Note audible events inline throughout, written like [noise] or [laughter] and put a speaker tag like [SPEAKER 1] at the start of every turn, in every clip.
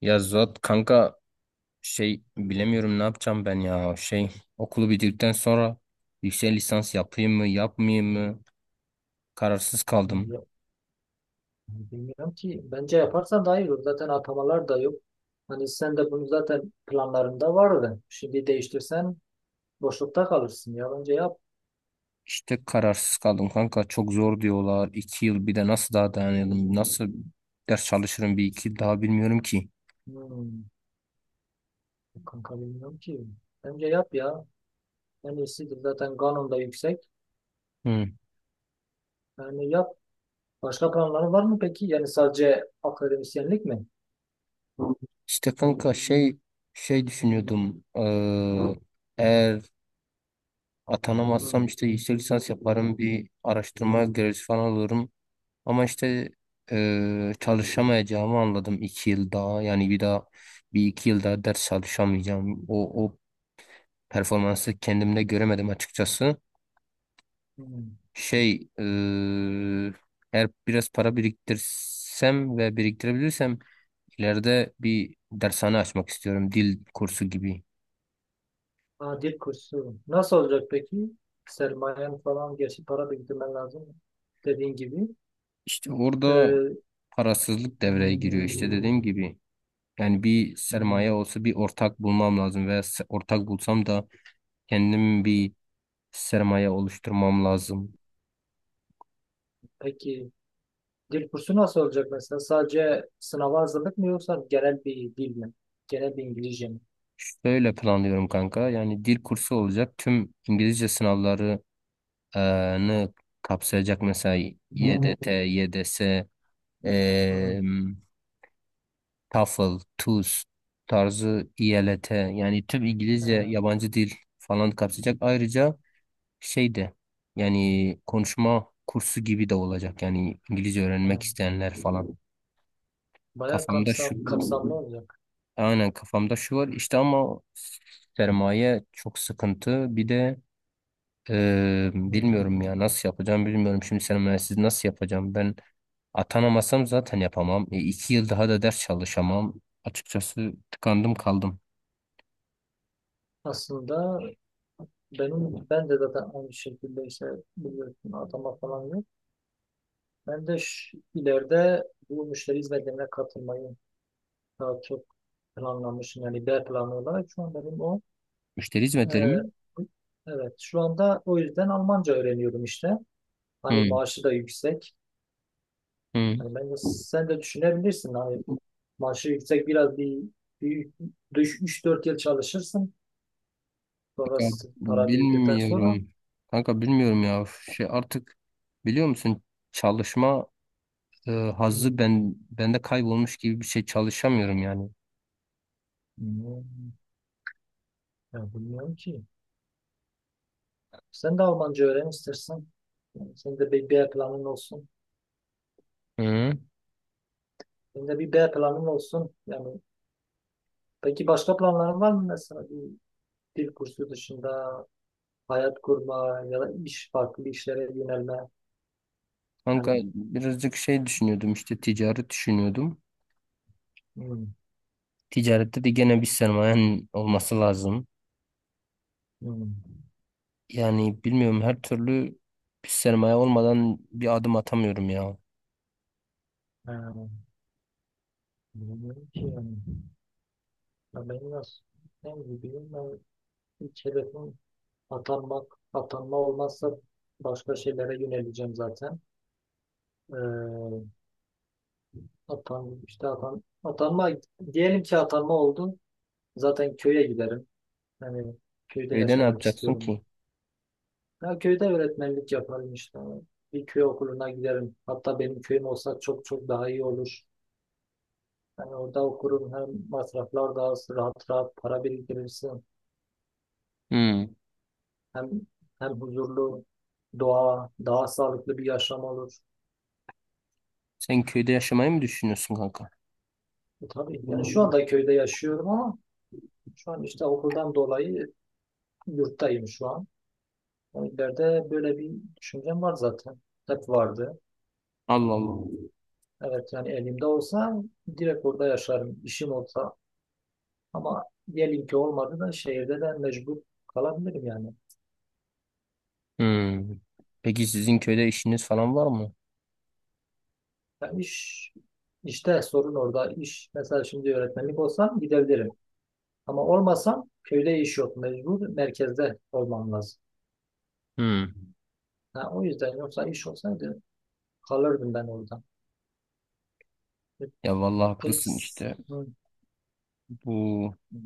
[SPEAKER 1] Ya Zuhat kanka, bilemiyorum ne yapacağım ben ya. Şey okulu bitirdikten sonra yüksek lisans yapayım mı yapmayayım mı, kararsız kaldım.
[SPEAKER 2] Ya, bilmiyorum ki. Bence yaparsan daha iyi olur. Zaten atamalar da yok. Hani sen de bunu zaten planlarında vardı. Şimdi değiştirsen boşlukta kalırsın ya. Bence yap.
[SPEAKER 1] İşte kararsız kaldım kanka, çok zor diyorlar iki yıl. Bir de nasıl daha dayanırım, nasıl ders çalışırım bir iki yıl daha, bilmiyorum ki.
[SPEAKER 2] Hmm, kanka bilmiyorum ki. Bence yap ya. En iyisidir. Zaten kanun da yüksek.
[SPEAKER 1] Hı.
[SPEAKER 2] Yani yap. Başka planların var mı peki? Yani sadece akademisyenlik mi?
[SPEAKER 1] İşte kanka, düşünüyordum, eğer
[SPEAKER 2] Hmm,
[SPEAKER 1] atanamazsam işte yüksek lisans yaparım, bir araştırma görevlisi falan olurum. Ama işte çalışamayacağımı anladım iki yıl daha. Yani bir daha, bir iki yıl daha ders çalışamayacağım. O performansı kendimde göremedim açıkçası.
[SPEAKER 2] hmm.
[SPEAKER 1] Şey eee, eğer biraz para biriktirsem ve biriktirebilirsem ileride bir dershane açmak istiyorum. Dil kursu gibi.
[SPEAKER 2] Aa, dil kursu. Nasıl olacak peki? Sermayen falan. Gerçi para biriktirmen lazım. Dediğin gibi.
[SPEAKER 1] İşte orada
[SPEAKER 2] Ee,
[SPEAKER 1] parasızlık devreye giriyor. İşte dediğim gibi. Yani bir sermaye
[SPEAKER 2] hmm,
[SPEAKER 1] olsa, bir ortak bulmam lazım veya ortak bulsam da kendim bir sermaye oluşturmam lazım.
[SPEAKER 2] peki. Dil kursu nasıl olacak mesela? Sadece sınava hazırlık mı yoksa genel bir dil mi? Genel bir İngilizce mi?
[SPEAKER 1] Şöyle planlıyorum kanka. Yani dil kursu olacak. Tüm İngilizce sınavlarını kapsayacak, mesela YDT, YDS,
[SPEAKER 2] Hmm.
[SPEAKER 1] eee TOEFL, TUS tarzı, IELTS, yani tüm İngilizce
[SPEAKER 2] Ee,
[SPEAKER 1] yabancı dil falan kapsayacak. Ayrıca şey de, yani konuşma kursu gibi de olacak. Yani İngilizce
[SPEAKER 2] e,
[SPEAKER 1] öğrenmek isteyenler falan.
[SPEAKER 2] Bayağı
[SPEAKER 1] Kafamda şu.
[SPEAKER 2] kapsamlı olacak.
[SPEAKER 1] Aynen kafamda şu var işte, ama sermaye çok sıkıntı. Bir de
[SPEAKER 2] Hmm.
[SPEAKER 1] bilmiyorum ya, nasıl yapacağım bilmiyorum. Şimdi sermayesiz nasıl yapacağım? Ben atanamasam zaten yapamam. E, iki yıl daha da ders çalışamam. Açıkçası tıkandım kaldım.
[SPEAKER 2] Aslında benim ben de zaten aynı şekilde işte biliyorsun atama falan yok. Ben de ileride bu müşteri hizmetlerine katılmayı daha çok planlamışım. Yani B planı olarak şu an benim o.
[SPEAKER 1] Müşteri hizmetleri
[SPEAKER 2] Ee,
[SPEAKER 1] mi?
[SPEAKER 2] evet şu anda o yüzden Almanca öğreniyorum işte. Hani
[SPEAKER 1] Hı,
[SPEAKER 2] maaşı da yüksek.
[SPEAKER 1] hı.
[SPEAKER 2] Yani bence sen de düşünebilirsin. Hani maaşı yüksek biraz bir 3-4 yıl çalışırsın.
[SPEAKER 1] Kanka,
[SPEAKER 2] Sonrası para biriktirdikten sonra
[SPEAKER 1] bilmiyorum. Kanka bilmiyorum ya. Şey artık, biliyor musun, çalışma hazzı bende kaybolmuş gibi bir şey, çalışamıyorum yani.
[SPEAKER 2] hmm, ya bilmiyorum ki. Sen de Almanca öğren istersen. Yani senin de bir B planın olsun.
[SPEAKER 1] Hı.
[SPEAKER 2] Senin de bir B planın olsun. Yani peki başka planların var mı mesela bir dil kursu dışında hayat kurma ya da iş farklı işlere yönelme. Yani
[SPEAKER 1] Kanka birazcık şey düşünüyordum, işte ticaret düşünüyordum.
[SPEAKER 2] hmm,
[SPEAKER 1] Ticarette de gene bir sermayen olması lazım.
[SPEAKER 2] hmm.
[SPEAKER 1] Yani bilmiyorum, her türlü bir sermaye olmadan bir adım atamıyorum ya.
[SPEAKER 2] Ha, bilmiyorum ki yani. Ya benim nasıl ben gibiyim ben ilk hedefim atanmak atanma olmazsa başka şeylere yöneleceğim zaten ee, atan işte atan atanma diyelim ki atanma oldu zaten köye giderim yani köyde
[SPEAKER 1] Köyde ne
[SPEAKER 2] yaşamak
[SPEAKER 1] yapacaksın
[SPEAKER 2] istiyorum
[SPEAKER 1] ki?
[SPEAKER 2] ya köyde öğretmenlik yaparım işte bir köy okuluna giderim hatta benim köyüm olsa çok çok daha iyi olur yani orada okurum hem masraflar daha az rahat rahat para biriktirirsin.
[SPEAKER 1] Hmm.
[SPEAKER 2] Hem hem huzurlu doğa, daha sağlıklı bir yaşam olur.
[SPEAKER 1] Sen köyde yaşamayı mı düşünüyorsun kanka?
[SPEAKER 2] Tabii yani şu anda köyde yaşıyorum ama şu an işte okuldan dolayı yurttayım şu an. Yani ileride böyle bir düşüncem var zaten. Hep vardı.
[SPEAKER 1] Allah Allah.
[SPEAKER 2] Evet yani elimde olsa direkt orada yaşarım, işim olsa. Ama diyelim ki olmadı da şehirde de mecbur kalabilirim yani.
[SPEAKER 1] Hmm. Peki sizin köyde işiniz falan var mı?
[SPEAKER 2] Yani iş, işte sorun orada. İş mesela şimdi öğretmenlik olsam gidebilirim. Ama olmasam köyde iş yok. Mecbur merkezde olmam lazım.
[SPEAKER 1] Hmm.
[SPEAKER 2] Ha, o yüzden yoksa iş olsaydı kalırdım ben orada. E,
[SPEAKER 1] Ya vallahi
[SPEAKER 2] Peki.
[SPEAKER 1] haklısın işte.
[SPEAKER 2] Hı,
[SPEAKER 1] Bu
[SPEAKER 2] hı,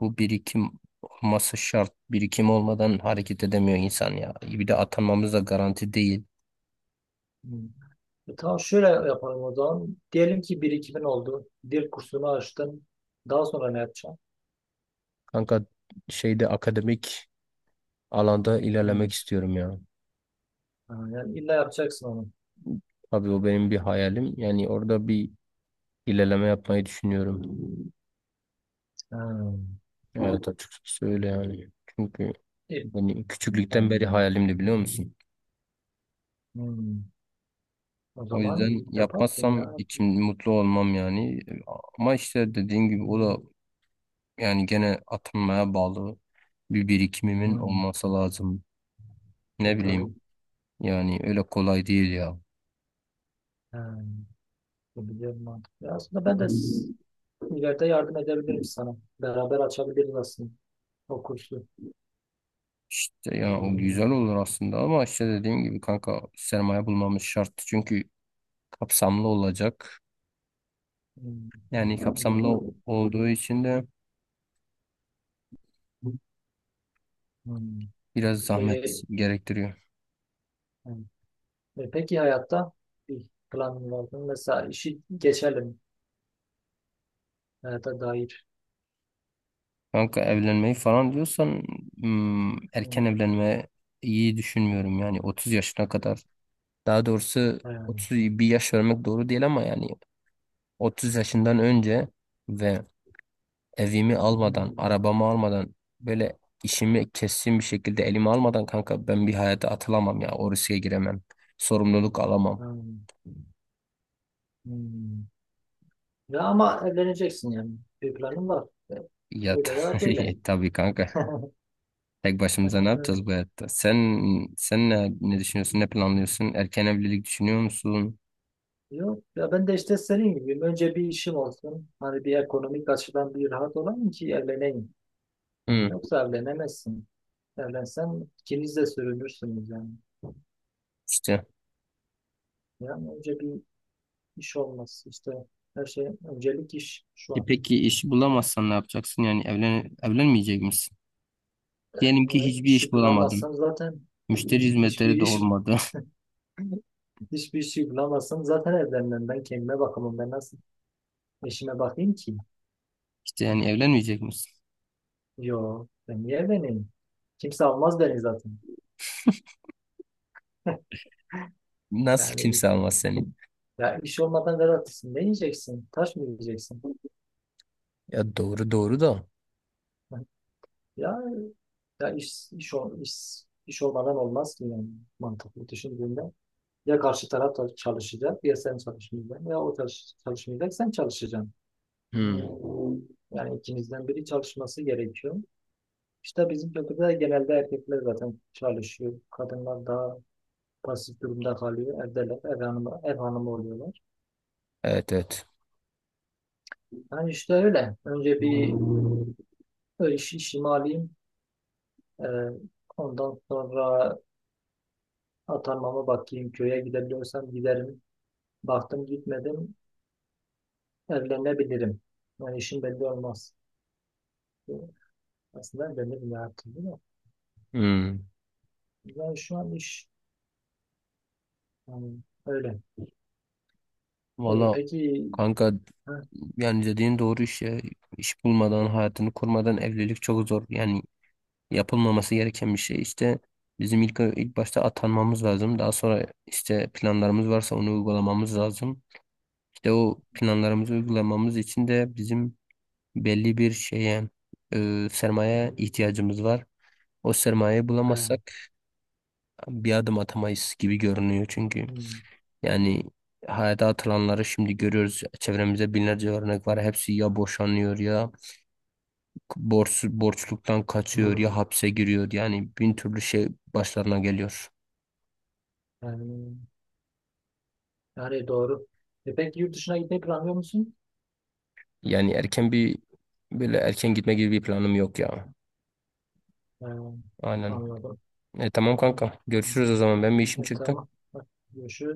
[SPEAKER 1] bu birikim olması şart. Birikim olmadan hareket edemiyor insan ya. Bir de atanmamız da garanti değil.
[SPEAKER 2] hı. Tamam şöyle yapalım o zaman. Diyelim ki birikimin oldu. Dil kursunu açtın. Daha sonra ne yapacaksın?
[SPEAKER 1] Kanka, şeyde, akademik alanda ilerlemek
[SPEAKER 2] Hı.
[SPEAKER 1] istiyorum ya.
[SPEAKER 2] Ha, yani illa yapacaksın onu.
[SPEAKER 1] Abi o benim bir hayalim. Yani orada bir ilerleme yapmayı düşünüyorum.
[SPEAKER 2] Ha.
[SPEAKER 1] Evet, açıkçası öyle yani. Çünkü
[SPEAKER 2] İyi.
[SPEAKER 1] benim
[SPEAKER 2] Ha,
[SPEAKER 1] küçüklükten beri hayalimdi, biliyor musun?
[SPEAKER 2] hı. O
[SPEAKER 1] O
[SPEAKER 2] zaman
[SPEAKER 1] yüzden
[SPEAKER 2] yaparsın
[SPEAKER 1] yapmazsam
[SPEAKER 2] ya.
[SPEAKER 1] içim mutlu olmam yani. Ama işte dediğin gibi, o da yani gene atılmaya bağlı, bir birikimimin
[SPEAKER 2] Hı.
[SPEAKER 1] olması lazım.
[SPEAKER 2] E,
[SPEAKER 1] Ne
[SPEAKER 2] tabii.
[SPEAKER 1] bileyim, yani öyle kolay değil ya.
[SPEAKER 2] Ha. Bu bir mantıklı. Aslında ben de İleride yardım edebilirim sana. Beraber açabiliriz aslında o kursu.
[SPEAKER 1] İşte ya o güzel olur aslında, ama işte dediğim gibi kanka, sermaye bulmamız şart. Çünkü kapsamlı olacak.
[SPEAKER 2] Hmm,
[SPEAKER 1] Yani kapsamlı
[SPEAKER 2] doğru.
[SPEAKER 1] olduğu için de
[SPEAKER 2] Hmm.
[SPEAKER 1] biraz zahmet
[SPEAKER 2] Ee,
[SPEAKER 1] gerektiriyor.
[SPEAKER 2] hmm. Peki hayatta bir planın var mı? Mesela işi geçelim hayata dair.
[SPEAKER 1] Kanka, evlenmeyi falan diyorsan,
[SPEAKER 2] Hmm,
[SPEAKER 1] erken evlenme iyi düşünmüyorum, yani 30 yaşına kadar. Daha doğrusu
[SPEAKER 2] hmm,
[SPEAKER 1] 30 bir yaş vermek doğru değil ama, yani 30 yaşından önce ve evimi almadan, arabamı almadan, böyle işimi kesin bir şekilde elime almadan, kanka ben bir hayata atılamam ya. O riske giremem. Sorumluluk alamam.
[SPEAKER 2] hmm, hmm. Ya ama evleneceksin yani. Bir planın var. Öyle ya böyle.
[SPEAKER 1] [laughs] Tabii kanka.
[SPEAKER 2] [laughs]
[SPEAKER 1] Tek başımıza ne
[SPEAKER 2] Evet.
[SPEAKER 1] yapacağız bu hayatta? Sen ne düşünüyorsun? Ne planlıyorsun? Erken evlilik düşünüyor musun?
[SPEAKER 2] Yok ya ben de işte senin gibiyim. Önce bir işim olsun. Hani bir ekonomik açıdan bir rahat olayım ki evleneyim.
[SPEAKER 1] Hı,
[SPEAKER 2] Yok zevlenemezsin. Zevlensen ikiniz de sürünürsünüz yani.
[SPEAKER 1] işte.
[SPEAKER 2] Yani önce bir iş olması işte her şey öncelik iş şu
[SPEAKER 1] E
[SPEAKER 2] an.
[SPEAKER 1] peki iş bulamazsan ne yapacaksın? Yani evlenmeyecek misin? Diyelim
[SPEAKER 2] E,
[SPEAKER 1] ki hiçbir iş
[SPEAKER 2] işi
[SPEAKER 1] bulamadın.
[SPEAKER 2] bulamazsan zaten
[SPEAKER 1] Müşteri
[SPEAKER 2] hiçbir
[SPEAKER 1] hizmetleri de
[SPEAKER 2] iş
[SPEAKER 1] olmadı.
[SPEAKER 2] [laughs] hiçbir işi bulamazsam zaten evlenmem. Ben kendime bakamam. Ben nasıl eşime bakayım ki?
[SPEAKER 1] [laughs] İşte, yani
[SPEAKER 2] [laughs]
[SPEAKER 1] evlenmeyecek misin?
[SPEAKER 2] Yo ben niye evleneyim? Kimse almaz beni zaten. [laughs]
[SPEAKER 1] Nasıl
[SPEAKER 2] Yani
[SPEAKER 1] kimse almaz seni?
[SPEAKER 2] ya iş olmadan garantisin. Ne yiyeceksin? Taş mı yiyeceksin?
[SPEAKER 1] Ya doğru, doğru da.
[SPEAKER 2] [laughs] Ya, ya, iş olmadan olmaz ki yani mantıklı düşündüğünde. Ya karşı taraf da çalışacak ya sen çalışmayacaksın ya o çalışmayacak sen çalışacaksın.
[SPEAKER 1] Hmm.
[SPEAKER 2] Yani ikinizden biri çalışması gerekiyor. İşte bizim kültürde genelde erkekler zaten çalışıyor. Kadınlar daha pasif durumda kalıyor. Evdeler, ev hanımı, ev hanımı oluyorlar.
[SPEAKER 1] Evet, evet.
[SPEAKER 2] Yani işte öyle. Önce bir iş, işimi alayım. Ee, ondan sonra atanmama bakayım. Köye gidebiliyorsam giderim. Baktım gitmedim. Evlenebilirim. Yani işim belli olmaz. Bu Aslında evlenirim ya artık değil mi?
[SPEAKER 1] Hmm.
[SPEAKER 2] Yani şu an iş yani öyle. E,
[SPEAKER 1] Valla
[SPEAKER 2] peki
[SPEAKER 1] kanka,
[SPEAKER 2] ha,
[SPEAKER 1] yani dediğin doğru iş ya. İş bulmadan, hayatını kurmadan evlilik çok zor. Yani yapılmaması gereken bir şey. İşte bizim ilk başta atanmamız lazım. Daha sonra işte planlarımız varsa onu uygulamamız lazım. İşte o planlarımızı uygulamamız için de bizim belli bir şeye, sermaye ihtiyacımız var. O sermayeyi
[SPEAKER 2] ha,
[SPEAKER 1] bulamazsak bir adım atamayız gibi görünüyor çünkü.
[SPEAKER 2] hmm,
[SPEAKER 1] Yani hayata atılanları şimdi görüyoruz. Çevremizde binlerce örnek var. Hepsi ya boşanıyor, ya borçluktan kaçıyor, ya hapse giriyor. Yani bin türlü şey başlarına geliyor.
[SPEAKER 2] yani, yani doğru. Peki yurt dışına gitmeyi planlıyor musun?
[SPEAKER 1] Yani erken bir, böyle erken gitme gibi bir planım yok ya.
[SPEAKER 2] Ha,
[SPEAKER 1] Aynen.
[SPEAKER 2] anladım.
[SPEAKER 1] E, tamam kanka. Görüşürüz o zaman. Ben, bir işim
[SPEAKER 2] E,
[SPEAKER 1] çıktı.
[SPEAKER 2] tamam. Hadi, görüşürüz.